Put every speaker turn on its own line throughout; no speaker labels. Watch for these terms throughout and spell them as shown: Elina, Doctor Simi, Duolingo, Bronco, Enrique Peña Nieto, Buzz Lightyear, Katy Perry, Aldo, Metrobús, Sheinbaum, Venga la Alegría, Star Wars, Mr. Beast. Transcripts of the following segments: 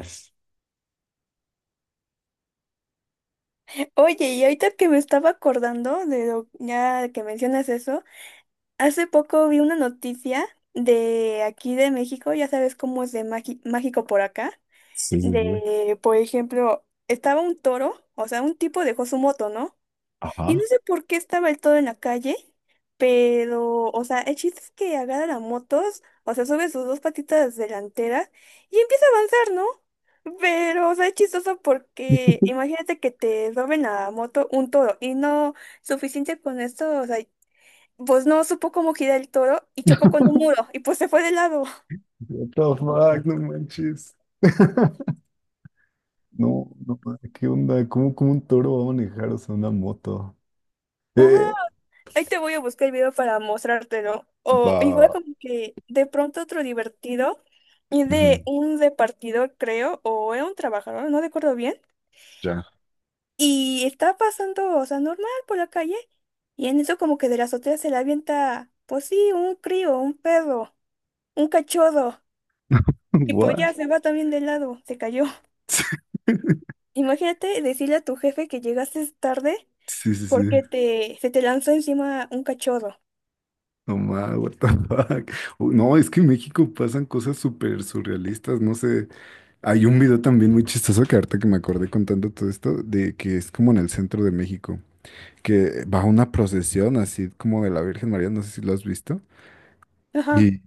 Sí,
Oye, y ahorita que me estaba acordando de lo ya que mencionas eso, hace poco vi una noticia de aquí de México. Ya sabes cómo es de mágico por acá.
sí, sí.
De, por ejemplo, estaba un toro, o sea, un tipo dejó su moto, ¿no? Y no
Ajá.
sé por qué estaba el todo en la calle, pero, o sea, el chiste es que agarra la motos, o sea, sube sus dos patitas delanteras y empieza a avanzar, ¿no? Pero, o sea, es chistoso porque imagínate que te roben la moto un toro, y no suficiente con esto, o sea, pues no supo cómo girar el toro y chocó con un muro y pues se fue de lado.
What the fuck, no manches. No, no, ¿qué onda? ¿¿Cómo un toro va a manejar, o sea, ¿una moto?
Ajá.
Eh,
Ahí te voy a buscar el video para mostrártelo.
Va,
O
va,
igual
va.
como que de pronto otro divertido y de
Ujú.
un repartidor, creo, o era un trabajador, no recuerdo bien.
Ya.
Y está pasando, o sea, normal por la calle. Y en eso como que de la azotea se le avienta, pues sí, un crío, un perro, un cachorro. Y pues ya
What?
se va también de lado, se cayó. Imagínate decirle a tu jefe que llegaste tarde
Sí, sí, sí.
porque se te lanzó encima un cachorro.
No ma, what the fuck. No, es que en México pasan cosas súper surrealistas, no sé. Hay un video también muy chistoso que ahorita que me acordé contando todo esto, de que es como en el centro de México, que va una procesión así como de la Virgen María, no sé si lo has visto.
Ajá.
Y,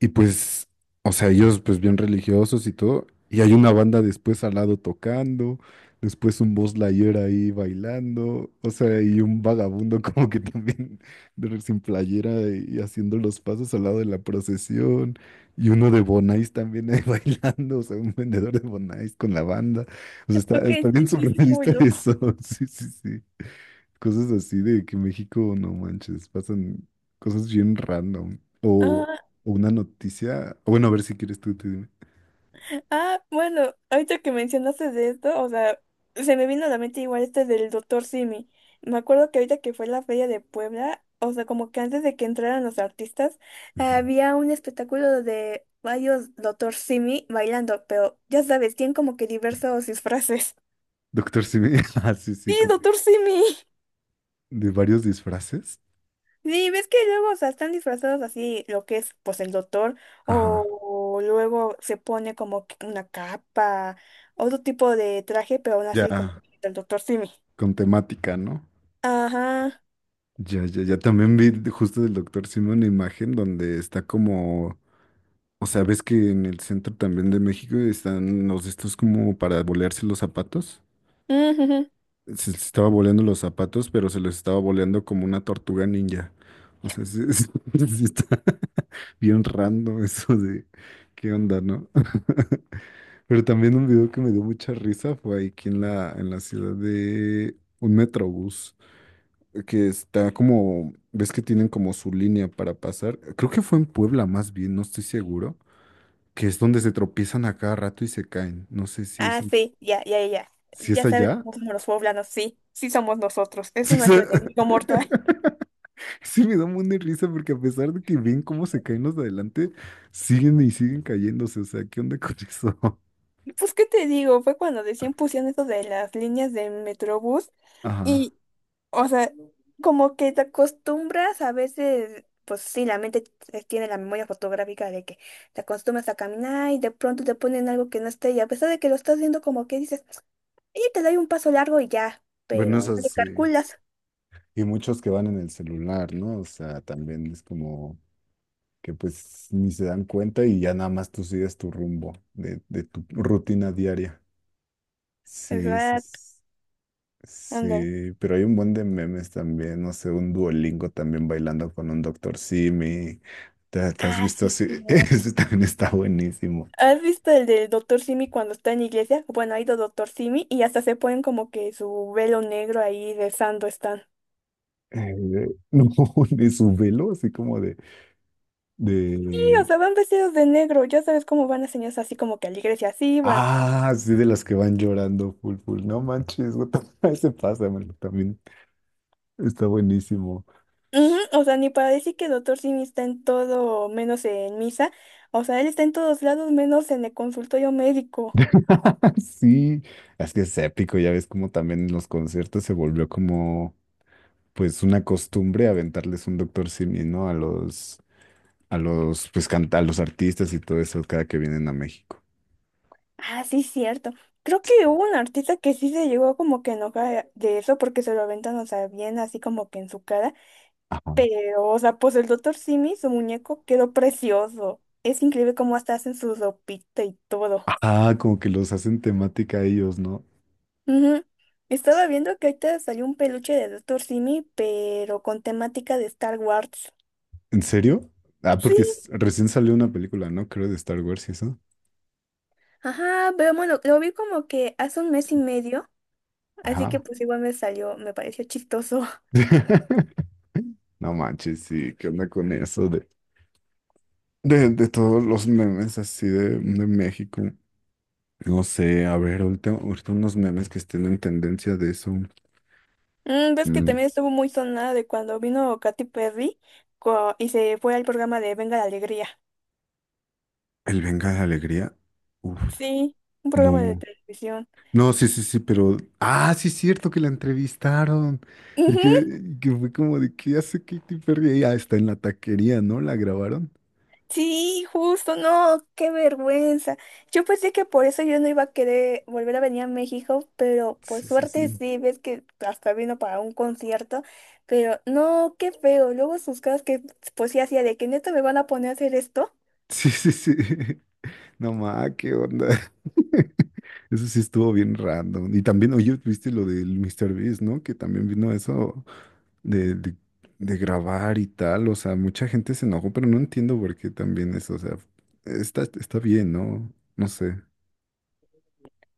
y pues, o sea, ellos pues bien religiosos y todo, y hay una banda después al lado tocando, después un Buzz Lightyear ahí bailando, o sea, y un vagabundo como que también sin playera y haciendo los pasos al lado de la procesión, y uno de Bonais también ahí bailando, o sea, un vendedor de Bonais con la banda, o sea, está,
Ok,
está bien
sí, sí, sí, está muy
surrealista
loco.
eso, sí, sí, sí. Cosas así de que México, no manches, pasan cosas bien random.
Ah.
O una noticia. O bueno, a ver si quieres tú dime.
Ah, bueno, ahorita que mencionaste de esto, o sea, se me vino a la mente igual este del doctor Simi. Me acuerdo que ahorita que fue la feria de Puebla, o sea, como que antes de que entraran los artistas,
Ujú.
había un espectáculo de varios doctor Simi bailando, pero ya sabes, tienen como que diversos disfraces.
Doctor Simi, ah, sí, sí,
Sí,
como
doctor Simi.
de varios disfraces.
Sí, ves que luego, o sea, están disfrazados así, lo que es, pues, el doctor,
Ajá.
o luego se pone como que una capa, otro tipo de traje, pero aún así como
Ya,
el doctor Simi.
con temática, ¿no?
Ajá.
Ya, ya, ya también vi justo del Doctor Simi una imagen donde está como, o sea, ves que en el centro también de México están los de estos como para bolearse los zapatos.
Ujujú.
Se les estaba boleando los zapatos, pero se les estaba boleando como una tortuga ninja. O sea, sí, sí está bien random eso de qué onda, ¿no? Pero también un video que me dio mucha risa fue ahí aquí en la ciudad de un metrobús, que está como, ves que tienen como su línea para pasar. Creo que fue en Puebla más bien, no estoy seguro, que es donde se tropiezan a cada rato y se caen. No sé
Ah, sí, ya, ya, ya.
si es
Ya sabes
allá.
cómo somos los poblanos, sí, sí somos nosotros, es
Si es
nuestro
a-
enemigo mortal.
Sí, me da un buen de risa porque a pesar de que ven cómo se caen los de adelante, siguen y siguen cayéndose. O sea, ¿qué onda con eso?
Pues, ¿qué te digo? Fue cuando decían pusieron eso de las líneas de Metrobús.
Ajá.
y, O sea, como que te acostumbras a veces, pues sí, la mente tiene la memoria fotográfica de que te acostumbras a caminar y de pronto te ponen algo que no esté, y a pesar de que lo estás viendo como que dices, oye, te doy un paso largo y ya,
Bueno,
pero no
eso
te
sí.
calculas.
Y muchos que van en el celular, ¿no? O sea, también es como que pues ni se dan cuenta y ya nada más tú sigues tu rumbo de tu rutina diaria. Sí, sí,
Exacto, ándale.
sí. Pero hay un buen de memes también, no sé, un Duolingo también bailando con un Doctor Simi. ¿Te has
Ah,
visto
sí,
así?
cierto.
Ese también está buenísimo.
¿Has visto el del doctor Simi cuando está en la iglesia? Bueno, ha ido doctor Simi y hasta se ponen como que su velo negro ahí de están.
Eh, no, de su velo, así como de,
Sí, o
de...
sea, van vestidos de negro, ya sabes cómo van las señoras, así como que a la iglesia así van.
Ah, sí, de las que van llorando, full, full. No manches, what ese pasa, mano, también está buenísimo.
Ujú. O sea, ni para decir que Doctor Simi está en todo, menos en misa. O sea, él está en todos lados, menos en el consultorio médico.
Sí, es que es épico, ya ves como también en los conciertos se volvió como, pues, una costumbre aventarles un Doctor Simi, ¿no? A los, pues, canta, a los artistas y todo eso cada que vienen a México.
Ah, sí, cierto. Creo que hubo un artista que sí se llegó como que a enojar de eso porque se lo aventan, o sea, bien así como que en su cara.
Ajá.
Pero, o sea, pues el Doctor Simi, su muñeco, quedó precioso. Es increíble cómo hasta hacen su ropita y todo.
Ajá, como que los hacen temática a ellos, ¿no?
Ujú. Estaba viendo que ahorita salió un peluche de Doctor Simi, pero con temática de Star Wars.
¿En serio? Ah, porque
Sí.
recién salió una película, ¿no? Creo de Star Wars y eso.
Ajá, pero bueno, lo vi como que hace un mes y medio, así que
Ajá.
pues igual me salió, me pareció chistoso.
No manches, sí, ¿qué onda con eso de todos los memes así de México? No sé, a ver, ahorita unos memes que estén en tendencia de eso.
Mm, ves que
Mm.
también estuvo muy sonada de cuando vino Katy Perry y se fue al programa de Venga la Alegría.
El Venga la Alegría. Uf,
Sí, un programa de
no.
televisión.
No, sí, sí, sí, pero. Ah, sí, es cierto que la entrevistaron. Y que,
Ujú.
y que fue como de, ¿qué hace Katy Perry ahí? Ah, está en la taquería, ¿no? La grabaron.
Sí, justo, no, qué vergüenza. Yo pensé que por eso yo no iba a querer volver a venir a México, pero por
Sí, sí,
suerte
sí.
sí, ves que hasta vino para un concierto, pero no, qué feo. Luego sus caras que pues sí hacía de que neta me van a poner a hacer esto.
Sí, sí, sí. No ma, qué onda. Eso sí estuvo bien random. Y también, oye, viste lo del Mr. Beast, ¿no? Que también vino eso de, de, de grabar y tal. O sea, mucha gente se enojó, pero no entiendo por qué también eso. O sea, está, está bien, ¿no? No sé.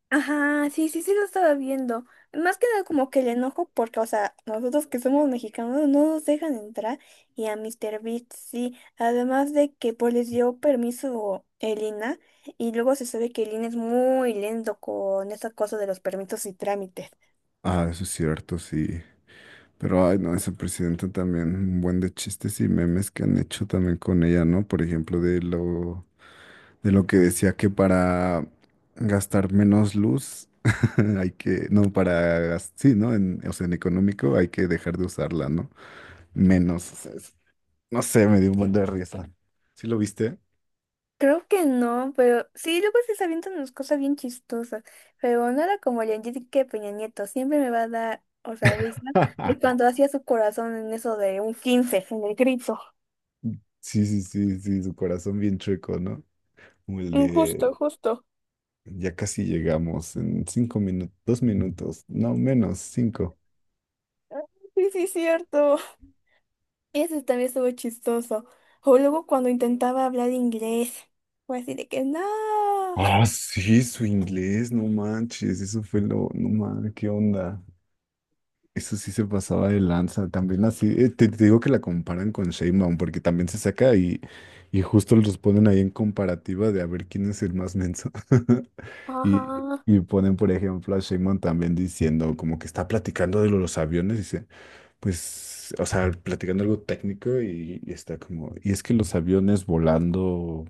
Ajá, sí, sí, sí lo estaba viendo. Más que nada como que el enojo porque, o sea, nosotros que somos mexicanos no nos dejan entrar, y a Mr. Beast sí. Además de que pues les dio permiso Elina, y luego se sabe que Elina es muy lento con esa cosa de los permisos y trámites.
Ah, eso es cierto, sí. Pero, ay, no, esa presidenta también, un buen de chistes y memes que han hecho también con ella, ¿no? Por ejemplo, de lo que decía que para gastar menos luz hay que, no, para, sí, ¿no? En, o sea, en económico hay que dejar de usarla, ¿no? Menos, o sea, no sé, me dio un buen de risa. ¿Sí lo viste?
Creo que no, pero sí, luego se avientan unas cosas bien chistosas. Pero nada como el Enrique Peña Nieto. Siempre me va a dar, o sea, risa de cuando hacía su corazón en eso de un 15 en el grito.
Sí, sí, sí, sí, su corazón bien chueco, ¿no? Como el
Mm,
de,
justo, justo.
ya casi llegamos en cinco minutos, dos minutos, no, menos, cinco.
Sí, sí, cierto. Eso también estuvo chistoso. O luego cuando intentaba hablar inglés, fue así de que no.
Ah, sí, su inglés, no manches, eso fue lo, no mames, qué onda. Eso sí se pasaba de lanza. También así, te digo que la comparan con Sheinbaum, porque también se saca y justo los ponen ahí en comparativa de a ver quién es el más menso. Y,
Ajá.
y ponen, por ejemplo, a Sheinbaum también diciendo como que está platicando de los aviones, dice, pues, o sea, platicando algo técnico y está como, y es que los aviones volando.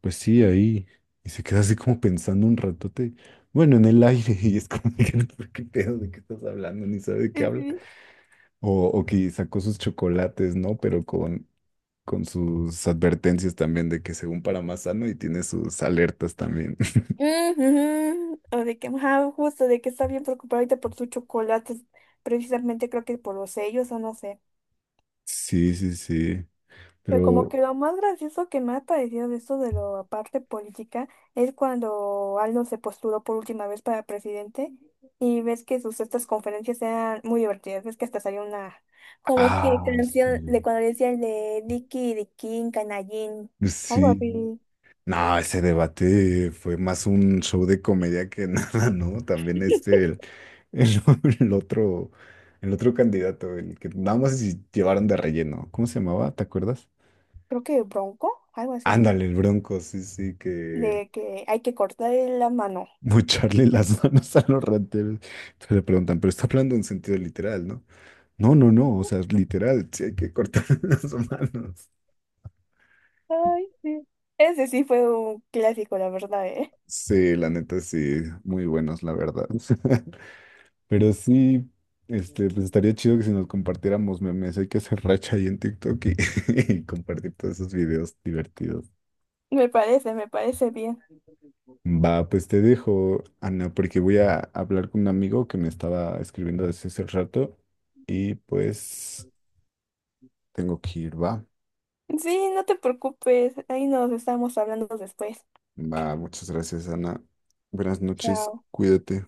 Pues sí, ahí. Y se queda así como pensando un ratote. Bueno, en el aire. Y es como, que, "No, pues, ¿qué pedo? ¿De qué estás hablando?" Ni sabe de qué
Sí,
habla.
sí.
O, o que sacó sus chocolates, ¿no? Pero con sus advertencias también de que según para más sano y tiene sus alertas también.
Ujú. O de que, ajá, justo, de que está bien preocupada ahorita por sus chocolates. Precisamente creo que por los sellos o no sé.
Sí, sí, sí.
Pero como que
Pero,
lo más gracioso que me ha parecido de esto de la parte política es cuando Aldo se postuló por última vez para presidente, y ves que sus estas conferencias eran muy divertidas, ves que hasta salió una como que
ah,
canción
sí.
de cuando le decían de Dicky, Dicky, Canallín, algo
Sí,
así,
no, ese debate fue más un show de comedia que nada, ¿no? También este, el, el- el otro, el otro candidato, el que nada más si llevaron de relleno. ¿Cómo se llamaba? ¿Te acuerdas?
creo que Bronco, algo así,
Ándale, el Bronco, sí, sí, que
de que hay que cortar la mano.
mocharle las manos a los rateros. Entonces le preguntan, pero está hablando en sentido literal, ¿no? No, no, no, o sea, literal, sí hay que cortar las manos.
Ay, sí. Ese sí fue un clásico, la verdad, ¿eh?
Sí, la neta, sí, muy buenos, la verdad. Pero sí, este, pues estaría chido que si nos compartiéramos memes, hay que hacer racha ahí en TikTok y, y compartir todos esos videos divertidos.
Me parece bien.
Va, pues te dejo, Ana, porque voy a hablar con un amigo que me estaba escribiendo desde hace rato y pues tengo que ir, va.
Sí, no te preocupes. Ahí nos estamos hablando después.
Va, muchas gracias, Ana. Buenas noches,
Chao.
cuídate.